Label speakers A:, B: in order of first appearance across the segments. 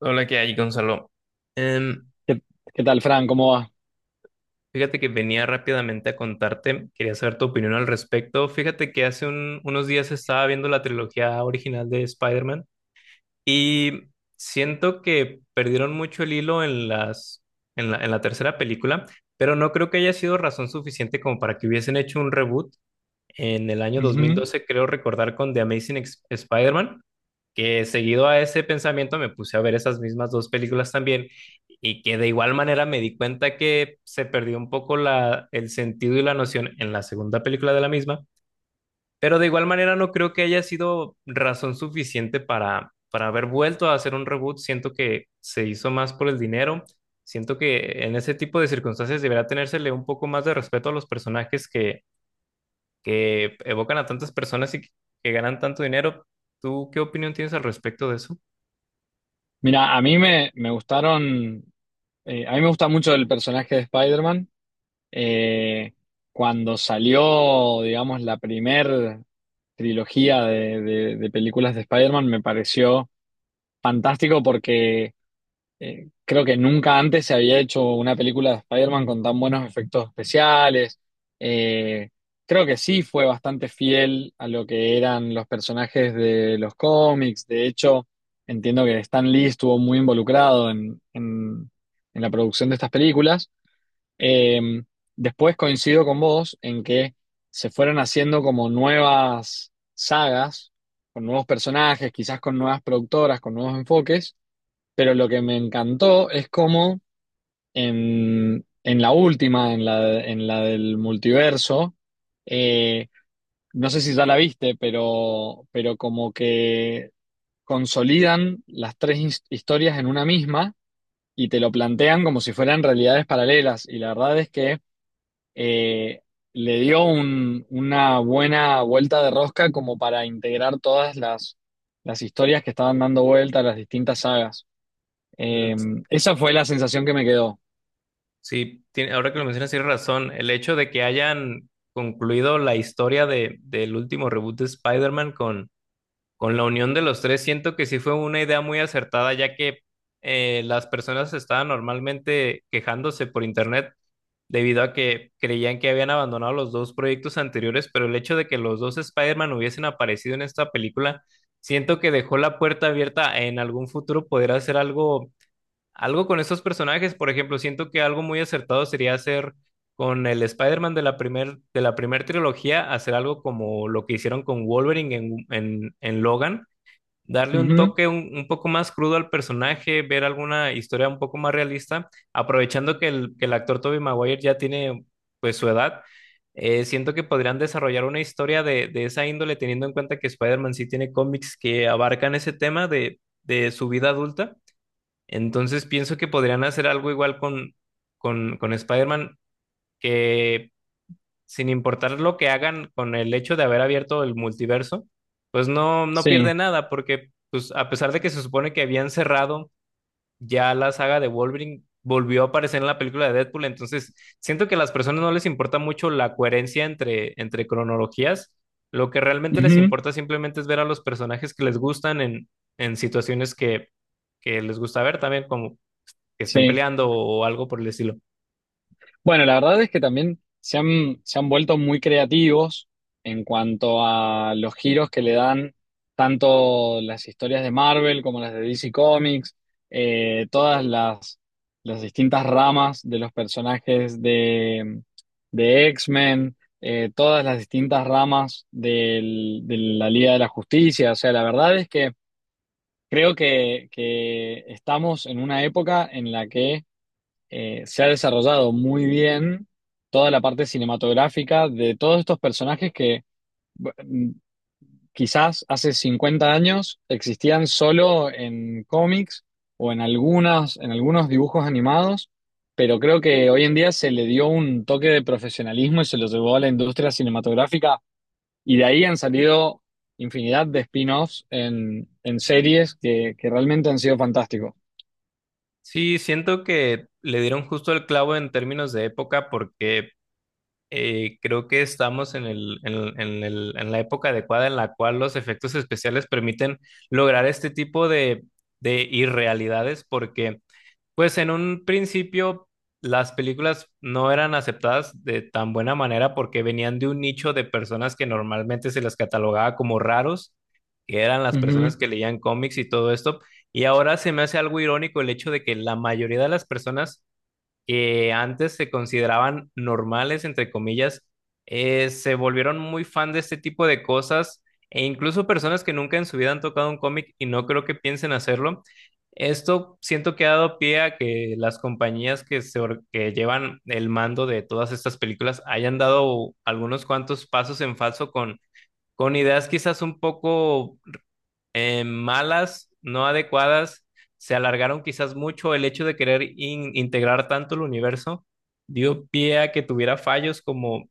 A: Hola, ¿qué hay, Gonzalo? Em,
B: ¿Qué, qué tal, Fran? ¿Cómo va?
A: fíjate que venía rápidamente a contarte, quería saber tu opinión al respecto. Fíjate que hace unos días estaba viendo la trilogía original de Spider-Man y siento que perdieron mucho el hilo en en la tercera película, pero no creo que haya sido razón suficiente como para que hubiesen hecho un reboot en el año dos mil
B: Ujú.
A: doce. Creo recordar con The Amazing Spider-Man, que seguido a ese pensamiento me puse a ver esas mismas dos películas también y que de igual manera me di cuenta que se perdió un poco el sentido y la noción en la segunda película de la misma, pero de igual manera no creo que haya sido razón suficiente para haber vuelto a hacer un reboot. Siento que se hizo más por el dinero. Siento que en ese tipo de circunstancias deberá tenérsele un poco más de respeto a los personajes que evocan a tantas personas y que ganan tanto dinero. ¿Tú qué opinión tienes al respecto de eso?
B: Mira, a mí me gustaron, a mí me gusta mucho el personaje de Spider-Man. Eh, Cuando salió, digamos, la primer trilogía de películas de Spider-Man, me pareció fantástico porque creo que nunca antes se había hecho una película de Spider-Man con tan buenos efectos especiales. Eh, Creo que sí fue bastante fiel a lo que eran los personajes de los cómics. De hecho, entiendo que Stan Lee estuvo muy involucrado en la producción de estas películas. Eh, Después coincido con vos en que se fueron haciendo como nuevas sagas, con nuevos personajes, quizás con nuevas productoras, con nuevos enfoques, pero lo que me encantó es cómo en la última, en la del multiverso, eh, no sé si ya la viste, pero como que consolidan las tres historias en una misma y te lo plantean como si fueran realidades paralelas. Y la verdad es que eh, le dio una buena vuelta de rosca como para integrar todas las historias que estaban dando vuelta a las distintas sagas.
A: Mm,
B: Eh, Esa fue la sensación que me quedó.
A: sí, tiene- ahora que lo mencionas, tienes razón. El hecho de que hayan concluido la historia del último reboot de Spider-Man con la unión de los tres, siento que sí fue una idea muy acertada, ya que las personas estaban normalmente quejándose por internet debido a que creían que habían abandonado los dos proyectos anteriores, pero el hecho de que los dos Spider-Man hubiesen aparecido en esta película, siento que dejó la puerta abierta a en algún futuro poder hacer algo. Algo con estos personajes, por ejemplo, siento que algo muy acertado sería hacer con el Spider-Man de de la primer trilogía, hacer algo como lo que hicieron con Wolverine en Logan, darle un
B: Ujú,
A: toque un poco más crudo al personaje, ver alguna historia un poco más realista, aprovechando que que el actor Tobey Maguire ya tiene pues su edad. Siento que podrían desarrollar una historia de esa índole, teniendo en cuenta que Spider-Man sí tiene cómics que abarcan ese tema de su vida adulta. Entonces pienso que podrían hacer algo igual con Spider-Man, que sin importar lo que hagan con el hecho de haber abierto el multiverso, pues no pierde
B: sí,
A: nada, porque pues, a pesar de que se supone que habían cerrado ya la saga de Wolverine, volvió a aparecer en la película de Deadpool, entonces siento que a las personas no les importa mucho la coherencia entre cronologías, lo que realmente les
B: ujú,
A: importa simplemente es ver a los personajes que les gustan en situaciones que les gusta ver también, como que estén
B: sí.
A: peleando o algo por el estilo.
B: Bueno, la verdad es que también se han vuelto muy creativos en cuanto a los giros que le dan tanto las historias de Marvel como las de DC Comics, todas las distintas ramas de los personajes de X-Men, todas las distintas ramas de la Liga de la Justicia. O sea, la verdad es que creo que estamos en una época en la que se ha desarrollado muy bien toda la parte cinematográfica de todos estos personajes que bu- quizás hace 50 años existían solo en cómics o en algunas, en algunos dibujos animados, pero creo que hoy en día se le dio un toque de profesionalismo y se lo llevó a la industria cinematográfica y de ahí han salido infinidad de spin-offs en series que realmente han sido fantásticos.
A: Sí, siento que le dieron justo el clavo en términos de época porque creo que estamos en en en la época adecuada en la cual los efectos especiales permiten lograr este tipo de irrealidades porque pues en un principio las películas no eran aceptadas de tan buena manera porque venían de un nicho de personas que normalmente se las catalogaba como raros, que eran las
B: Ujú,
A: personas que leían cómics y todo esto. Y ahora se me hace algo irónico el hecho de que la mayoría de las personas que antes se consideraban normales, entre comillas, se volvieron muy fan de este tipo de cosas e incluso personas que nunca en su vida han tocado un cómic y no creo que piensen hacerlo. Esto siento que ha dado pie a que las compañías que llevan el mando de todas estas películas hayan dado algunos cuantos pasos en falso con ideas quizás un poco malas, no adecuadas, se alargaron quizás mucho. El hecho de querer integrar tanto el universo dio pie a que tuviera fallos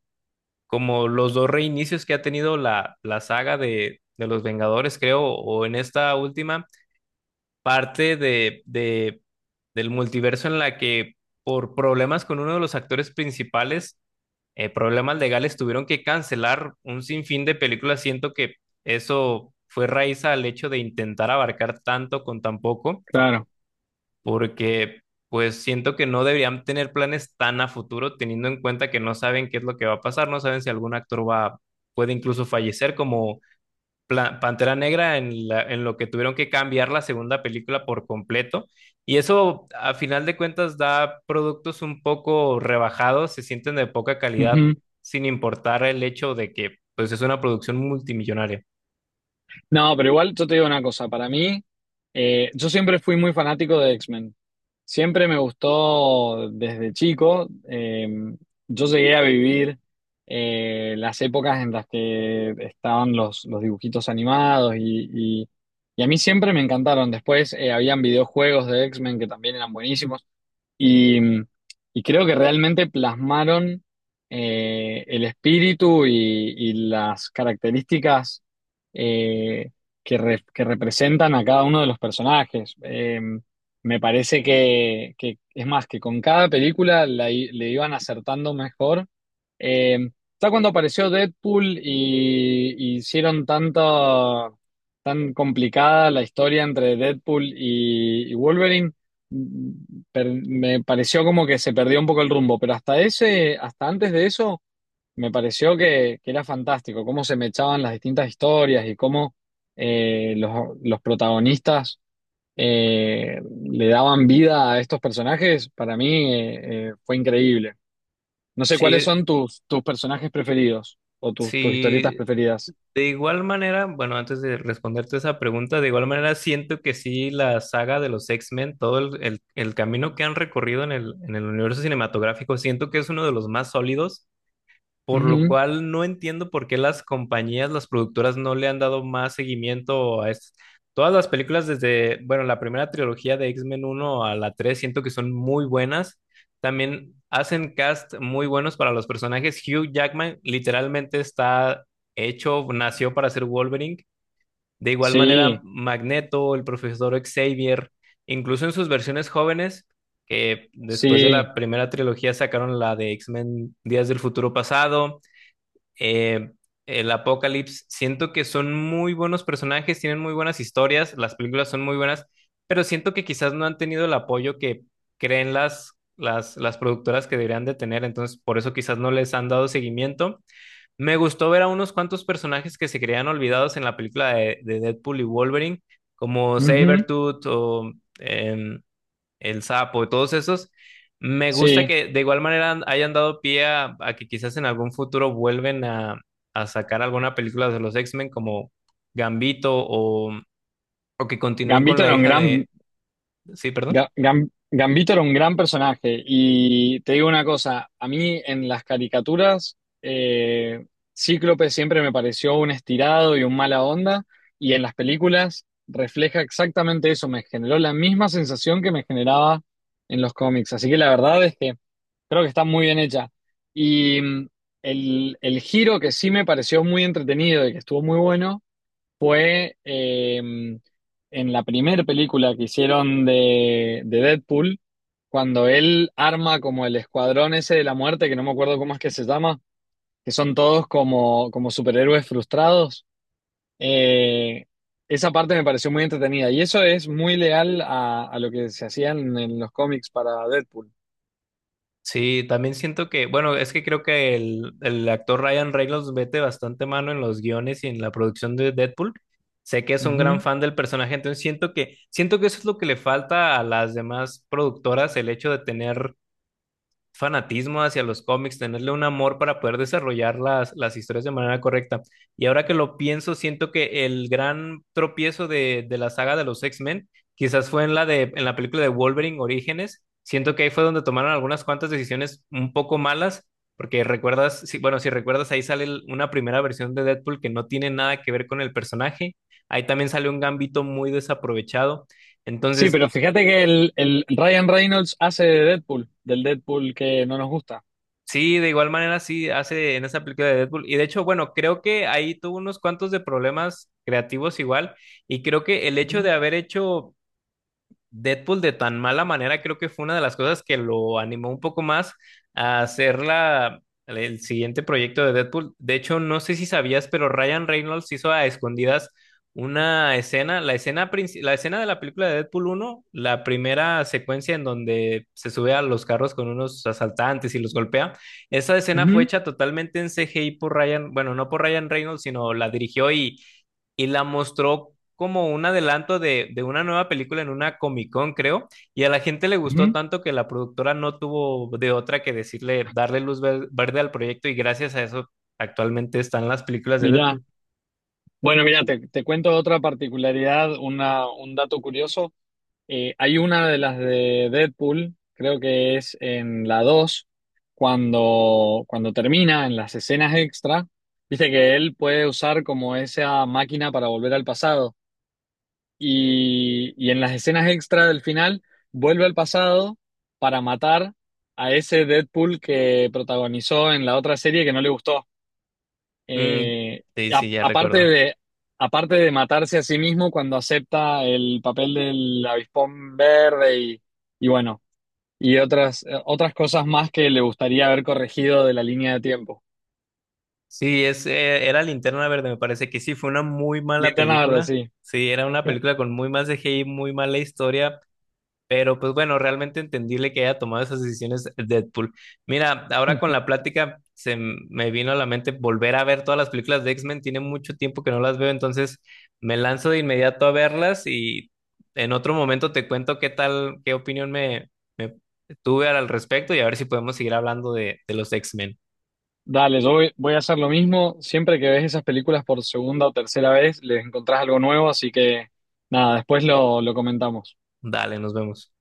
A: como los dos reinicios que ha tenido la saga de los Vengadores, creo, o en esta última parte del multiverso en la que por problemas con uno de los actores principales, problemas legales, tuvieron que cancelar un sinfín de películas. Siento que eso fue raíz al hecho de intentar abarcar tanto con tan poco,
B: claro.
A: porque pues siento que no deberían tener planes tan a futuro, teniendo en cuenta que no saben qué es lo que va a pasar, no saben si algún actor puede incluso fallecer, como Pantera Negra en lo que tuvieron que cambiar la segunda película por completo. Y eso, a final de cuentas, da productos un poco rebajados, se sienten de poca calidad,
B: Ujú.
A: sin importar el hecho de que, pues, es una producción multimillonaria.
B: No, pero igual yo te digo una cosa, para mí, yo siempre fui muy fanático de X-Men. Siempre me gustó desde chico. Yo llegué a vivir las épocas en las que estaban los dibujitos animados y a mí siempre me encantaron. Después habían videojuegos de X-Men que también eran buenísimos. Y, y creo que realmente plasmaron el espíritu y las características eh, que, que representan a cada uno de los personajes. Me parece que, es más, que con cada película le iban acertando mejor. Eh, ya cuando apareció Deadpool y hicieron tanta, tan complicada la historia entre Deadpool y Wolverine me pareció como que se perdió un poco el rumbo, pero hasta ese, hasta antes de eso, me pareció que era fantástico, cómo se me echaban las distintas historias y cómo los protagonistas eh, le daban vida a estos personajes, para mí fue increíble. No sé cuáles
A: Sí,
B: son tus, tus personajes preferidos o tus, tus historietas
A: sí,
B: preferidas.
A: de igual manera, bueno, antes de responderte esa pregunta, de igual manera siento que sí, la saga de los X-Men, todo el camino que han recorrido en en el universo cinematográfico, siento que es uno de los más sólidos, por lo
B: Ujú.
A: cual no entiendo por qué las compañías, las productoras no le han dado más seguimiento a es- Todas las películas desde, bueno, la primera trilogía de X-Men uno a la 3 siento que son muy buenas. También hacen cast muy buenos para los personajes. Hugh Jackman literalmente está hecho, nació para ser Wolverine. De igual manera,
B: Sí,
A: Magneto, el profesor Xavier, incluso en sus versiones jóvenes, que después de
B: sí,
A: la primera trilogía sacaron la de X-Men Días del Futuro Pasado, eh, el Apocalipsis, siento que son muy buenos personajes, tienen muy buenas historias, las películas son muy buenas, pero siento que quizás no han tenido el apoyo que creen las productoras que deberían de tener, entonces por eso quizás no les han dado seguimiento. Me gustó ver a unos cuantos personajes que se creían olvidados en la película de Deadpool y Wolverine, como
B: ujú,
A: Sabretooth o... em, el Sapo, todos esos. Me gusta
B: sí.
A: que de igual manera hayan dado pie a que quizás en algún futuro vuelven a sacar alguna película de los X-Men como Gambito o que continúen con
B: Gambito
A: la
B: era un
A: hija
B: gran,
A: de... Sí, perdón.
B: Gambito era un gran personaje y te digo una cosa, a mí en las caricaturas Cíclope siempre me pareció un estirado y un mala onda y en las películas refleja exactamente eso, me generó la misma sensación que me generaba en los cómics, así que la verdad es que creo que está muy bien hecha y el giro que sí me pareció muy entretenido y que estuvo muy bueno eh, en la primera película que hicieron de Deadpool, cuando él arma como el escuadrón ese de la muerte, que no me acuerdo cómo es que se llama, que son todos como, como superhéroes frustrados. eh, Esa parte me pareció muy entretenida y eso es muy leal a lo que se hacían en los cómics para Deadpool.
A: Sí, también siento que, bueno, es que creo que el actor Ryan Reynolds mete bastante mano en los guiones y en la producción de Deadpool. Sé que es un gran
B: Ujú.
A: fan del personaje, entonces siento que eso es lo que le falta a las demás productoras, el hecho de tener fanatismo hacia los cómics, tenerle un amor para poder desarrollar las historias de manera correcta. Y ahora que lo pienso, siento que el gran tropiezo de la saga de los X-Men quizás fue en en la película de Wolverine Orígenes. Siento que ahí fue donde tomaron algunas cuantas decisiones un poco malas, porque recuerdas, si, bueno, si recuerdas, ahí sale una primera versión de Deadpool que no tiene nada que ver con el personaje. Ahí también sale un gambito muy desaprovechado.
B: Sí,
A: Entonces,
B: pero fíjate que el Ryan Reynolds hace de Deadpool, del Deadpool que no nos gusta.
A: sí, de igual manera sí hace en esa película de Deadpool. Y de hecho, bueno, creo que ahí tuvo unos cuantos de problemas creativos igual. Y creo que el hecho
B: Ujú.
A: de haber hecho Deadpool de tan mala manera creo que fue una de las cosas que lo animó un poco más a hacer el siguiente proyecto de Deadpool. De hecho, no sé si sabías, pero Ryan Reynolds hizo a escondidas una escena, la escena de la película de Deadpool uno, la primera secuencia en donde se sube a los carros con unos asaltantes y los golpea. Esa escena fue
B: Ujú,
A: hecha totalmente en CGI por Ryan, bueno, no por Ryan Reynolds, sino la dirigió y la mostró como un adelanto de una nueva película en una Comic Con, creo, y a la gente le gustó
B: ujú.
A: tanto que la productora no tuvo de otra que decirle, darle luz verde al proyecto, y gracias a eso actualmente están las películas de
B: Mirá.
A: Deadpool.
B: Bueno, mira, te cuento otra particularidad, una, un dato curioso. Hay una de las de Deadpool, creo que es en la 2, cuando, cuando termina en las escenas extra, dice que él puede usar como esa máquina para volver al pasado. Y en las escenas extra del final, vuelve al pasado para matar a ese Deadpool que protagonizó en la otra serie que no le gustó.
A: Mm,
B: Eh,
A: sí,
B: a
A: sí, ya recuerdo.
B: aparte de matarse a sí mismo cuando acepta el papel del avispón verde y bueno, y otras, otras cosas más que le gustaría haber corregido de la línea de tiempo.
A: Sí, es, era Linterna Verde, me parece que sí, fue una muy mala
B: Linterna verde,
A: película.
B: sí.
A: Sí, era una película con muy más CGI, muy mala historia, pero pues bueno, realmente entendible que haya tomado esas decisiones Deadpool. Mira, ahora con la plática se me vino a la mente volver a ver todas las películas de X-Men. Tiene mucho tiempo que no las veo, entonces me lanzo de inmediato a verlas y en otro momento te cuento qué tal, qué opinión me tuve al respecto y a ver si podemos seguir hablando de los X-Men.
B: Dale, yo voy, voy a hacer lo mismo. Siempre que ves esas películas por segunda o tercera vez, les encontrás algo nuevo, así que nada, después lo comentamos.
A: Dale, nos vemos.